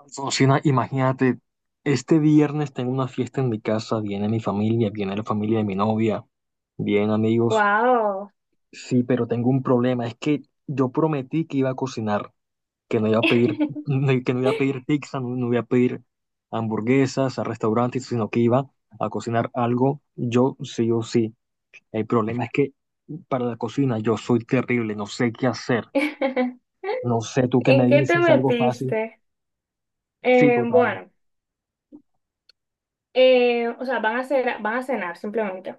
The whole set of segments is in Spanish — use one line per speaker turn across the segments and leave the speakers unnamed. Alfonsina, imagínate, este viernes tengo una fiesta en mi casa, viene mi familia, viene la familia de mi novia, vienen amigos.
Wow.
Sí, pero tengo un problema, es que yo prometí que iba a cocinar, que no iba a pedir, que no iba a pedir pizza, no, no iba a pedir hamburguesas a restaurantes, sino que iba a cocinar algo yo sí o sí. El problema es que para la cocina yo soy terrible, no sé qué hacer, no sé, tú qué me
¿En qué te
dices, algo fácil.
metiste?
Sí,
Eh,
total.
bueno, o sea, van a cenar simplemente.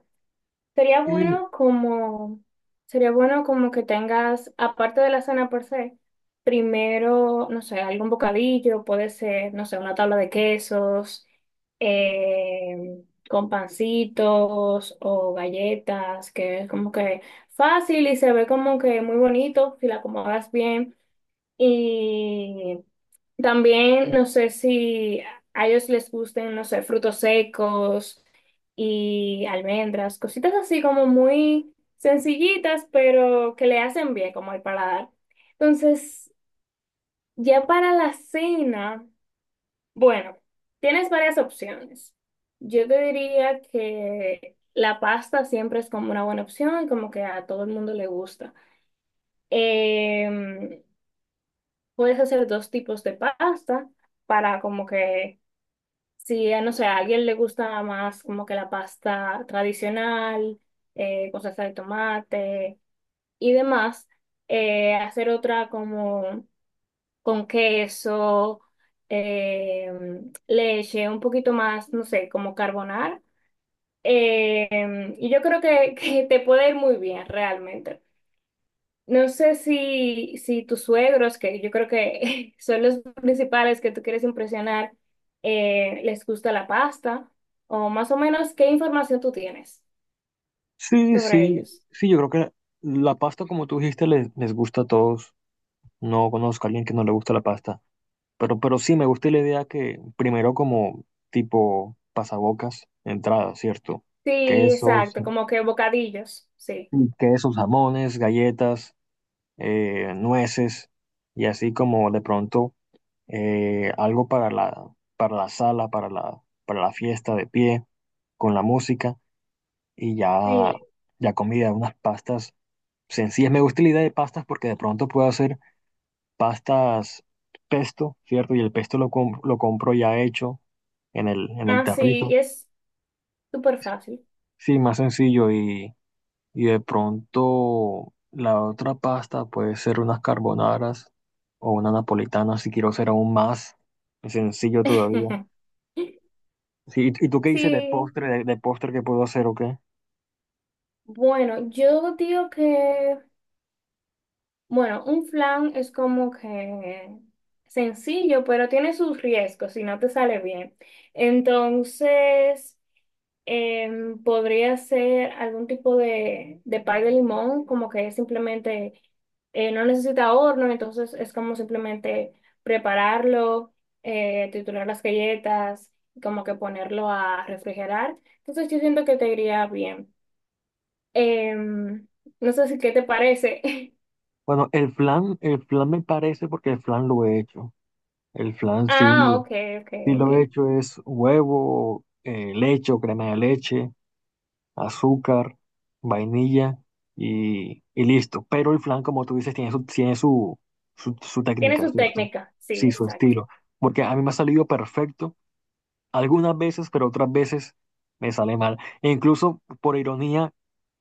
Sería bueno como, Sería bueno como que tengas, aparte de la cena por se, primero, no sé, algún bocadillo, puede ser, no sé, una tabla de quesos, eh, con pancitos o galletas, que es como que fácil y se ve como que muy bonito si la acomodas bien. Y también no sé si a ellos les gusten, no sé, frutos secos y almendras, cositas así como muy sencillitas, pero que le hacen bien como al paladar. Entonces, ya para la cena, bueno, tienes varias opciones. Yo te diría que la pasta siempre es como una buena opción, como que a todo el mundo le gusta. Em, Puedes hacer dos tipos de pasta para como que, si, no sé, a alguien le gusta más como que la pasta tradicional, con salsa de tomate y demás, hacer otra como con queso, eh, leche, un poquito más, no sé, como carbonar. Y yo creo que, que te puede ir muy bien realmente. No sé si tus suegros, que yo creo que son los principales que tú quieres impresionar, les gusta la pasta, o más o menos qué información tú tienes
Sí,
sobre
sí,
ellos.
sí, yo creo que la pasta, como tú dijiste, les gusta a todos. No conozco a alguien que no le gusta la pasta. Pero sí, me gusta la idea que primero como tipo pasabocas, entrada, ¿cierto?
Sí,
Quesos,
exacto, como que bocadillos, sí.
sí, quesos, jamones, galletas, nueces, y así como de pronto algo para para la sala, para para la fiesta de pie, con la música, y ya,
Sí,
ya comida, unas pastas sencillas. Me gusta la idea de pastas porque de pronto puedo hacer pastas pesto, ¿cierto? Y el pesto lo compro ya hecho en en el
ah, sí, y
tarrito.
es súper fácil.
Sí, más sencillo. Y de pronto la otra pasta puede ser unas carbonaras o una napolitana si quiero ser aún más sencillo todavía. Sí, y tú qué dices de
Sí,
postre, de postre que puedo hacer o qué?
bueno, yo digo que, bueno, un flan es como que sencillo, pero tiene sus riesgos si no te sale bien. Entonces... Podría ser algún tipo de pay de limón, como que es simplemente no necesita horno, entonces es como simplemente prepararlo, triturar las galletas, como que ponerlo a refrigerar. Entonces yo siento que te iría bien. Em, no sé si qué te parece.
Bueno, el flan me parece porque el flan lo he hecho. El flan
Ah,
sí.
ok, ok,
Sí,
ok.
lo he hecho es huevo, leche o crema de leche, azúcar, vainilla y listo. Pero el flan, como tú dices, su
Tiene
técnica,
su
¿cierto?
técnica. Sí,
Sí, su
exacto.
estilo. Porque a mí me ha salido perfecto algunas veces, pero otras veces me sale mal. E incluso, por ironía,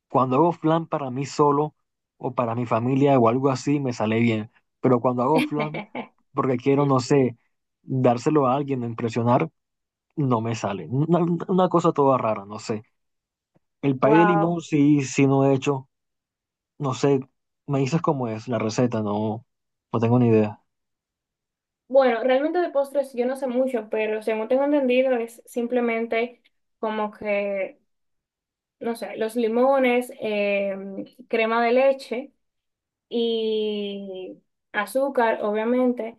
cuando hago flan para mí solo o para mi familia o algo así, me sale bien. Pero cuando hago flan porque quiero, no sé, dárselo a alguien, impresionar no me sale. Una cosa toda rara, no sé. El pay de limón
Wow.
sí, sí no he hecho. No sé. Me dices cómo es la receta, no, no tengo ni idea.
Bueno, realmente de postres yo no sé mucho, pero según tengo entendido es simplemente como que, no sé, los limones, crema de leche y azúcar, obviamente.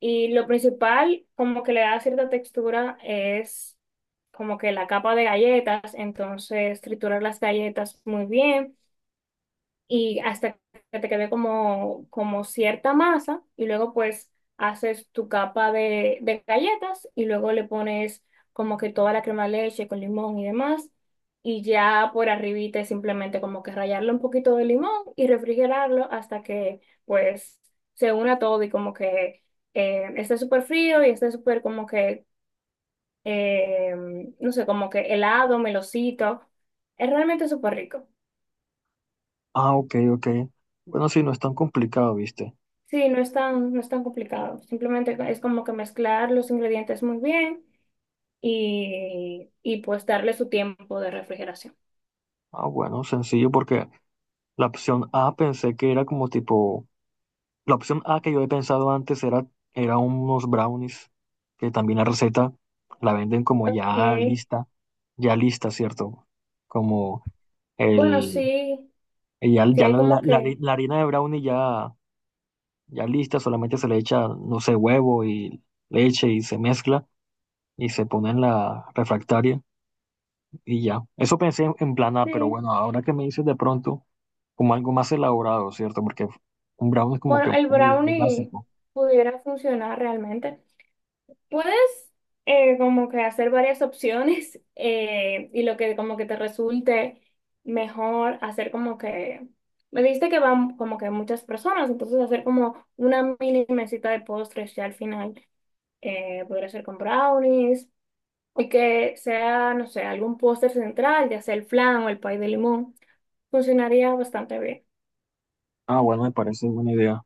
Y lo principal, como que le da cierta textura, es como que la capa de galletas, entonces triturar las galletas muy bien y hasta que te quede como, como cierta masa y luego pues haces tu capa de galletas y luego le pones como que toda la crema de leche con limón y demás y ya por arribita es simplemente como que rallarle un poquito de limón y refrigerarlo hasta que pues se una todo y como que esté súper frío y esté súper como que eh, no sé, como que helado, melocito. Es realmente súper rico.
Ah, ok, ok. Bueno, sí, no es tan complicado, ¿viste?
Sí, no es tan complicado. Simplemente es como que mezclar los ingredientes muy bien y pues darle su tiempo de refrigeración.
Ah, bueno, sencillo porque la opción A pensé que era como tipo. La opción A que yo he pensado antes era, era unos brownies, que también la receta la venden como
Ok.
ya lista, ¿cierto? Como
Bueno,
el.
sí,
Y ya,
sí hay como que,
la harina de brownie ya, ya lista, solamente se le echa, no sé, huevo y leche y se mezcla y se pone en la refractaria y ya. Eso pensé en plan A, pero
sí.
bueno, ahora que me dices de pronto, como algo más elaborado, ¿cierto? Porque un brownie es como
Bueno,
que
el
muy, muy
brownie
básico.
pudiera funcionar realmente. Puedes como que hacer varias opciones y lo que como que te resulte mejor hacer como que, me dijiste que van como que muchas personas, entonces hacer como una mini mesita de postres ya al final podría ser con brownies y que sea, no sé, algún postre central, ya sea el flan o el pay de limón, funcionaría bastante bien.
Ah, bueno, me parece buena idea.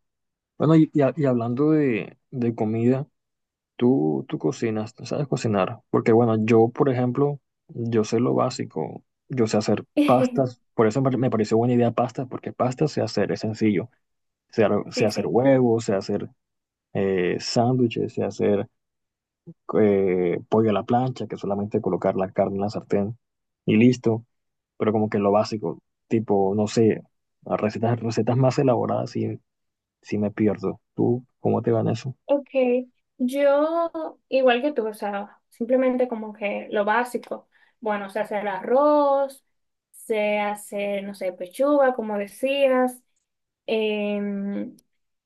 Bueno, y hablando de comida. Tú cocinas, tú sabes cocinar. Porque bueno, yo, por ejemplo, yo sé lo básico. Yo sé hacer pastas. Por eso me pareció buena idea pastas, porque pastas sé hacer, es sencillo. Sé
Sí,
hacer
sí.
huevos, sé hacer sándwiches, sé hacer pollo a la plancha, que es solamente colocar la carne en la sartén y listo. Pero como que lo básico, tipo, no sé, recetas más elaboradas sí, sí me pierdo. ¿Tú cómo te va en eso?
Ok, yo igual que tú, o sea, simplemente como que lo básico. Bueno, se hace el arroz, se hace, no sé, pechuga, como decías. Em,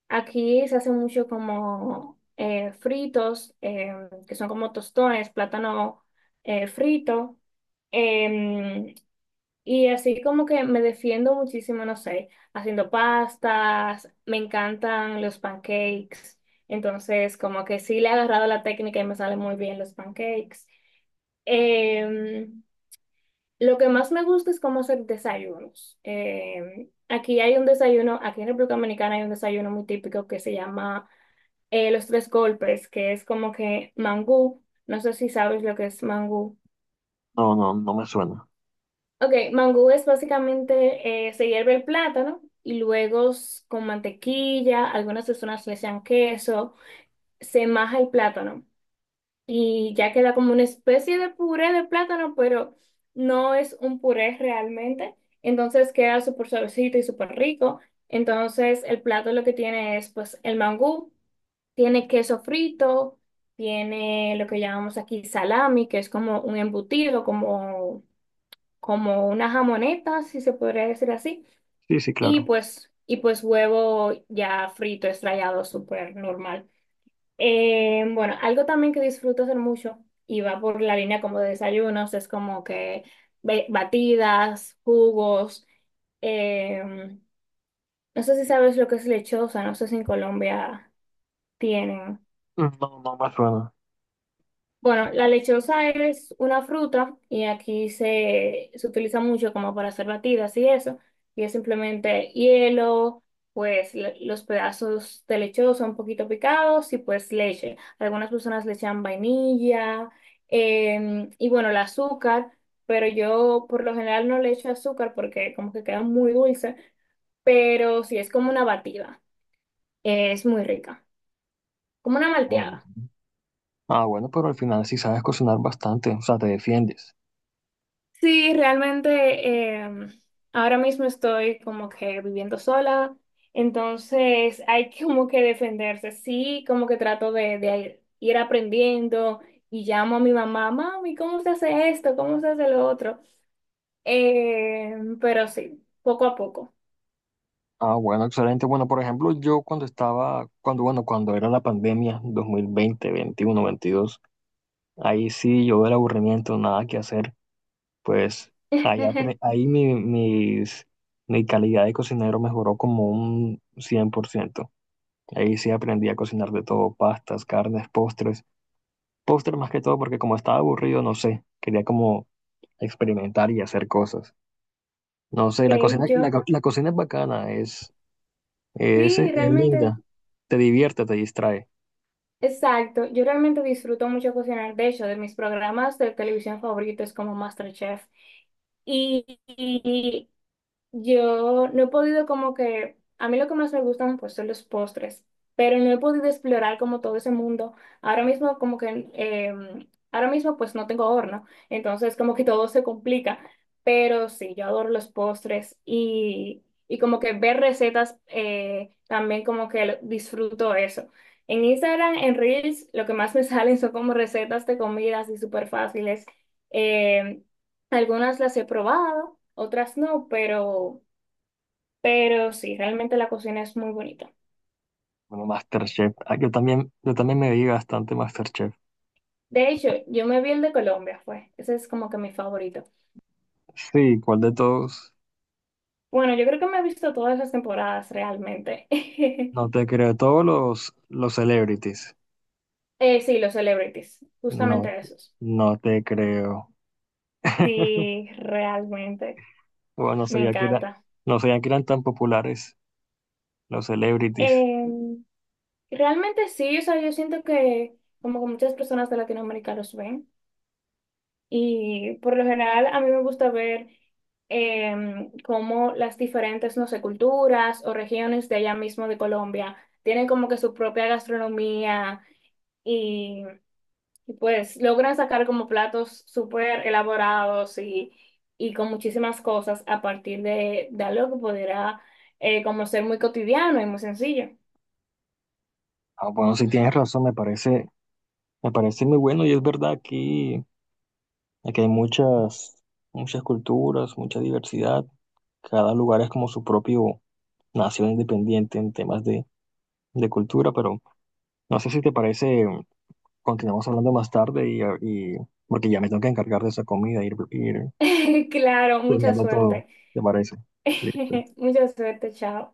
Aquí se hace mucho como fritos, que son como tostones, plátano frito. em, y así como que me defiendo muchísimo, no sé, haciendo pastas, me encantan los pancakes, entonces como que sí le he agarrado la técnica y me salen muy bien los pancakes. Em, lo que más me gusta es cómo hacer desayunos. Aquí hay un desayuno, aquí en República Dominicana hay un desayuno muy típico que se llama los tres golpes, que es como que mangú, no sé si sabes lo que es mangú.
No, no, no me suena.
Ok, mangú es básicamente, se hierve el plátano y luego con mantequilla, algunas personas le echan queso, se maja el plátano y ya queda como una especie de puré de plátano, pero no es un puré realmente, entonces queda súper suavecito y súper rico. Entonces el plato lo que tiene es pues el mangú, tiene queso frito, tiene lo que llamamos aquí salami, que es como un embutido, como una jamoneta, si se podría decir así,
Sí, sí, claro.
y pues huevo ya frito, estrellado, súper normal. Bueno, algo también que disfruto hacer mucho y va por la línea como de desayunos, es como que batidas, jugos. eh, no sé si sabes lo que es lechosa, no sé si en Colombia tienen.
No, no me suena.
Bueno, la lechosa es una fruta y aquí se utiliza mucho como para hacer batidas y eso. Y es simplemente hielo, pues los pedazos de lechosa un poquito picados y pues leche. Algunas personas le echan vainilla y bueno, el azúcar, pero yo por lo general no le echo azúcar porque como que queda muy dulce, pero sí es como una batida. Es muy rica, como una
Ah, bueno.
malteada.
Ah, bueno, pero al final sí sabes cocinar bastante, o sea, te defiendes.
Sí, realmente em, ahora mismo estoy como que viviendo sola, entonces hay que como que defenderse. Sí, como que trato de ir aprendiendo y llamo a mi mamá, mami, ¿cómo se hace esto? ¿Cómo se hace lo otro? Pero sí, poco a poco.
Ah, bueno, excelente. Bueno, por ejemplo, yo cuando bueno, cuando era la pandemia, 2020 21 veintidós, ahí sí yo del aburrimiento, nada que hacer, pues ahí, apre- ahí mi, mis- mi calidad de cocinero mejoró como un 100%. Ahí sí aprendí a cocinar de todo, pastas, carnes, postres, postres más que todo, porque como estaba aburrido, no sé, quería como experimentar y hacer cosas. No sé,
Que yo,
la cocina es bacana,
sí,
es
realmente,
linda, te divierte, te distrae.
exacto. Yo realmente disfruto mucho cocinar. De hecho, de mis programas de televisión favoritos como MasterChef. Y, yo no he podido como que, a mí lo que más me gustan pues son los postres, pero no he podido explorar como todo ese mundo. Ahora mismo como que, ahora mismo pues no tengo horno, entonces como que todo se complica, pero sí, yo adoro los postres y como que ver recetas también como que disfruto eso. En Instagram, en Reels, lo que más me salen son como recetas de comidas y súper fáciles. Eh, Algunas las he probado otras no, pero sí, realmente la cocina es muy bonita.
Bueno, MasterChef, ah, yo también me vi bastante MasterChef.
De hecho, yo me vi el de Colombia, fue. Ese es como que mi favorito.
Sí, ¿cuál de todos?
Bueno, yo creo que me he visto todas las temporadas realmente.
No te creo, todos los celebrities.
Sí, los celebrities,
No,
justamente esos.
no te creo.
Sí, realmente,
Bueno,
me encanta.
no sabía que eran tan populares los celebrities.
Eh, Realmente sí, o sea, yo siento que como que muchas personas de Latinoamérica los ven. Y por lo general a mí me gusta ver cómo las diferentes, no sé, culturas o regiones de allá mismo de Colombia tienen como que su propia gastronomía y, y, pues logran sacar como platos súper elaborados y con muchísimas cosas a partir de algo que pudiera como ser muy cotidiano y muy sencillo.
Ah, bueno, si tienes razón, me parece muy bueno y es verdad aquí. Aquí hay muchas, muchas culturas, mucha diversidad. Cada lugar es como su propio nación independiente en temas de cultura, pero no sé si te parece, continuamos hablando más tarde y, porque ya me tengo que encargar de esa comida, ir
Claro, mucha
planeando todo,
suerte.
¿te parece? Listo.
Mucha suerte, chao.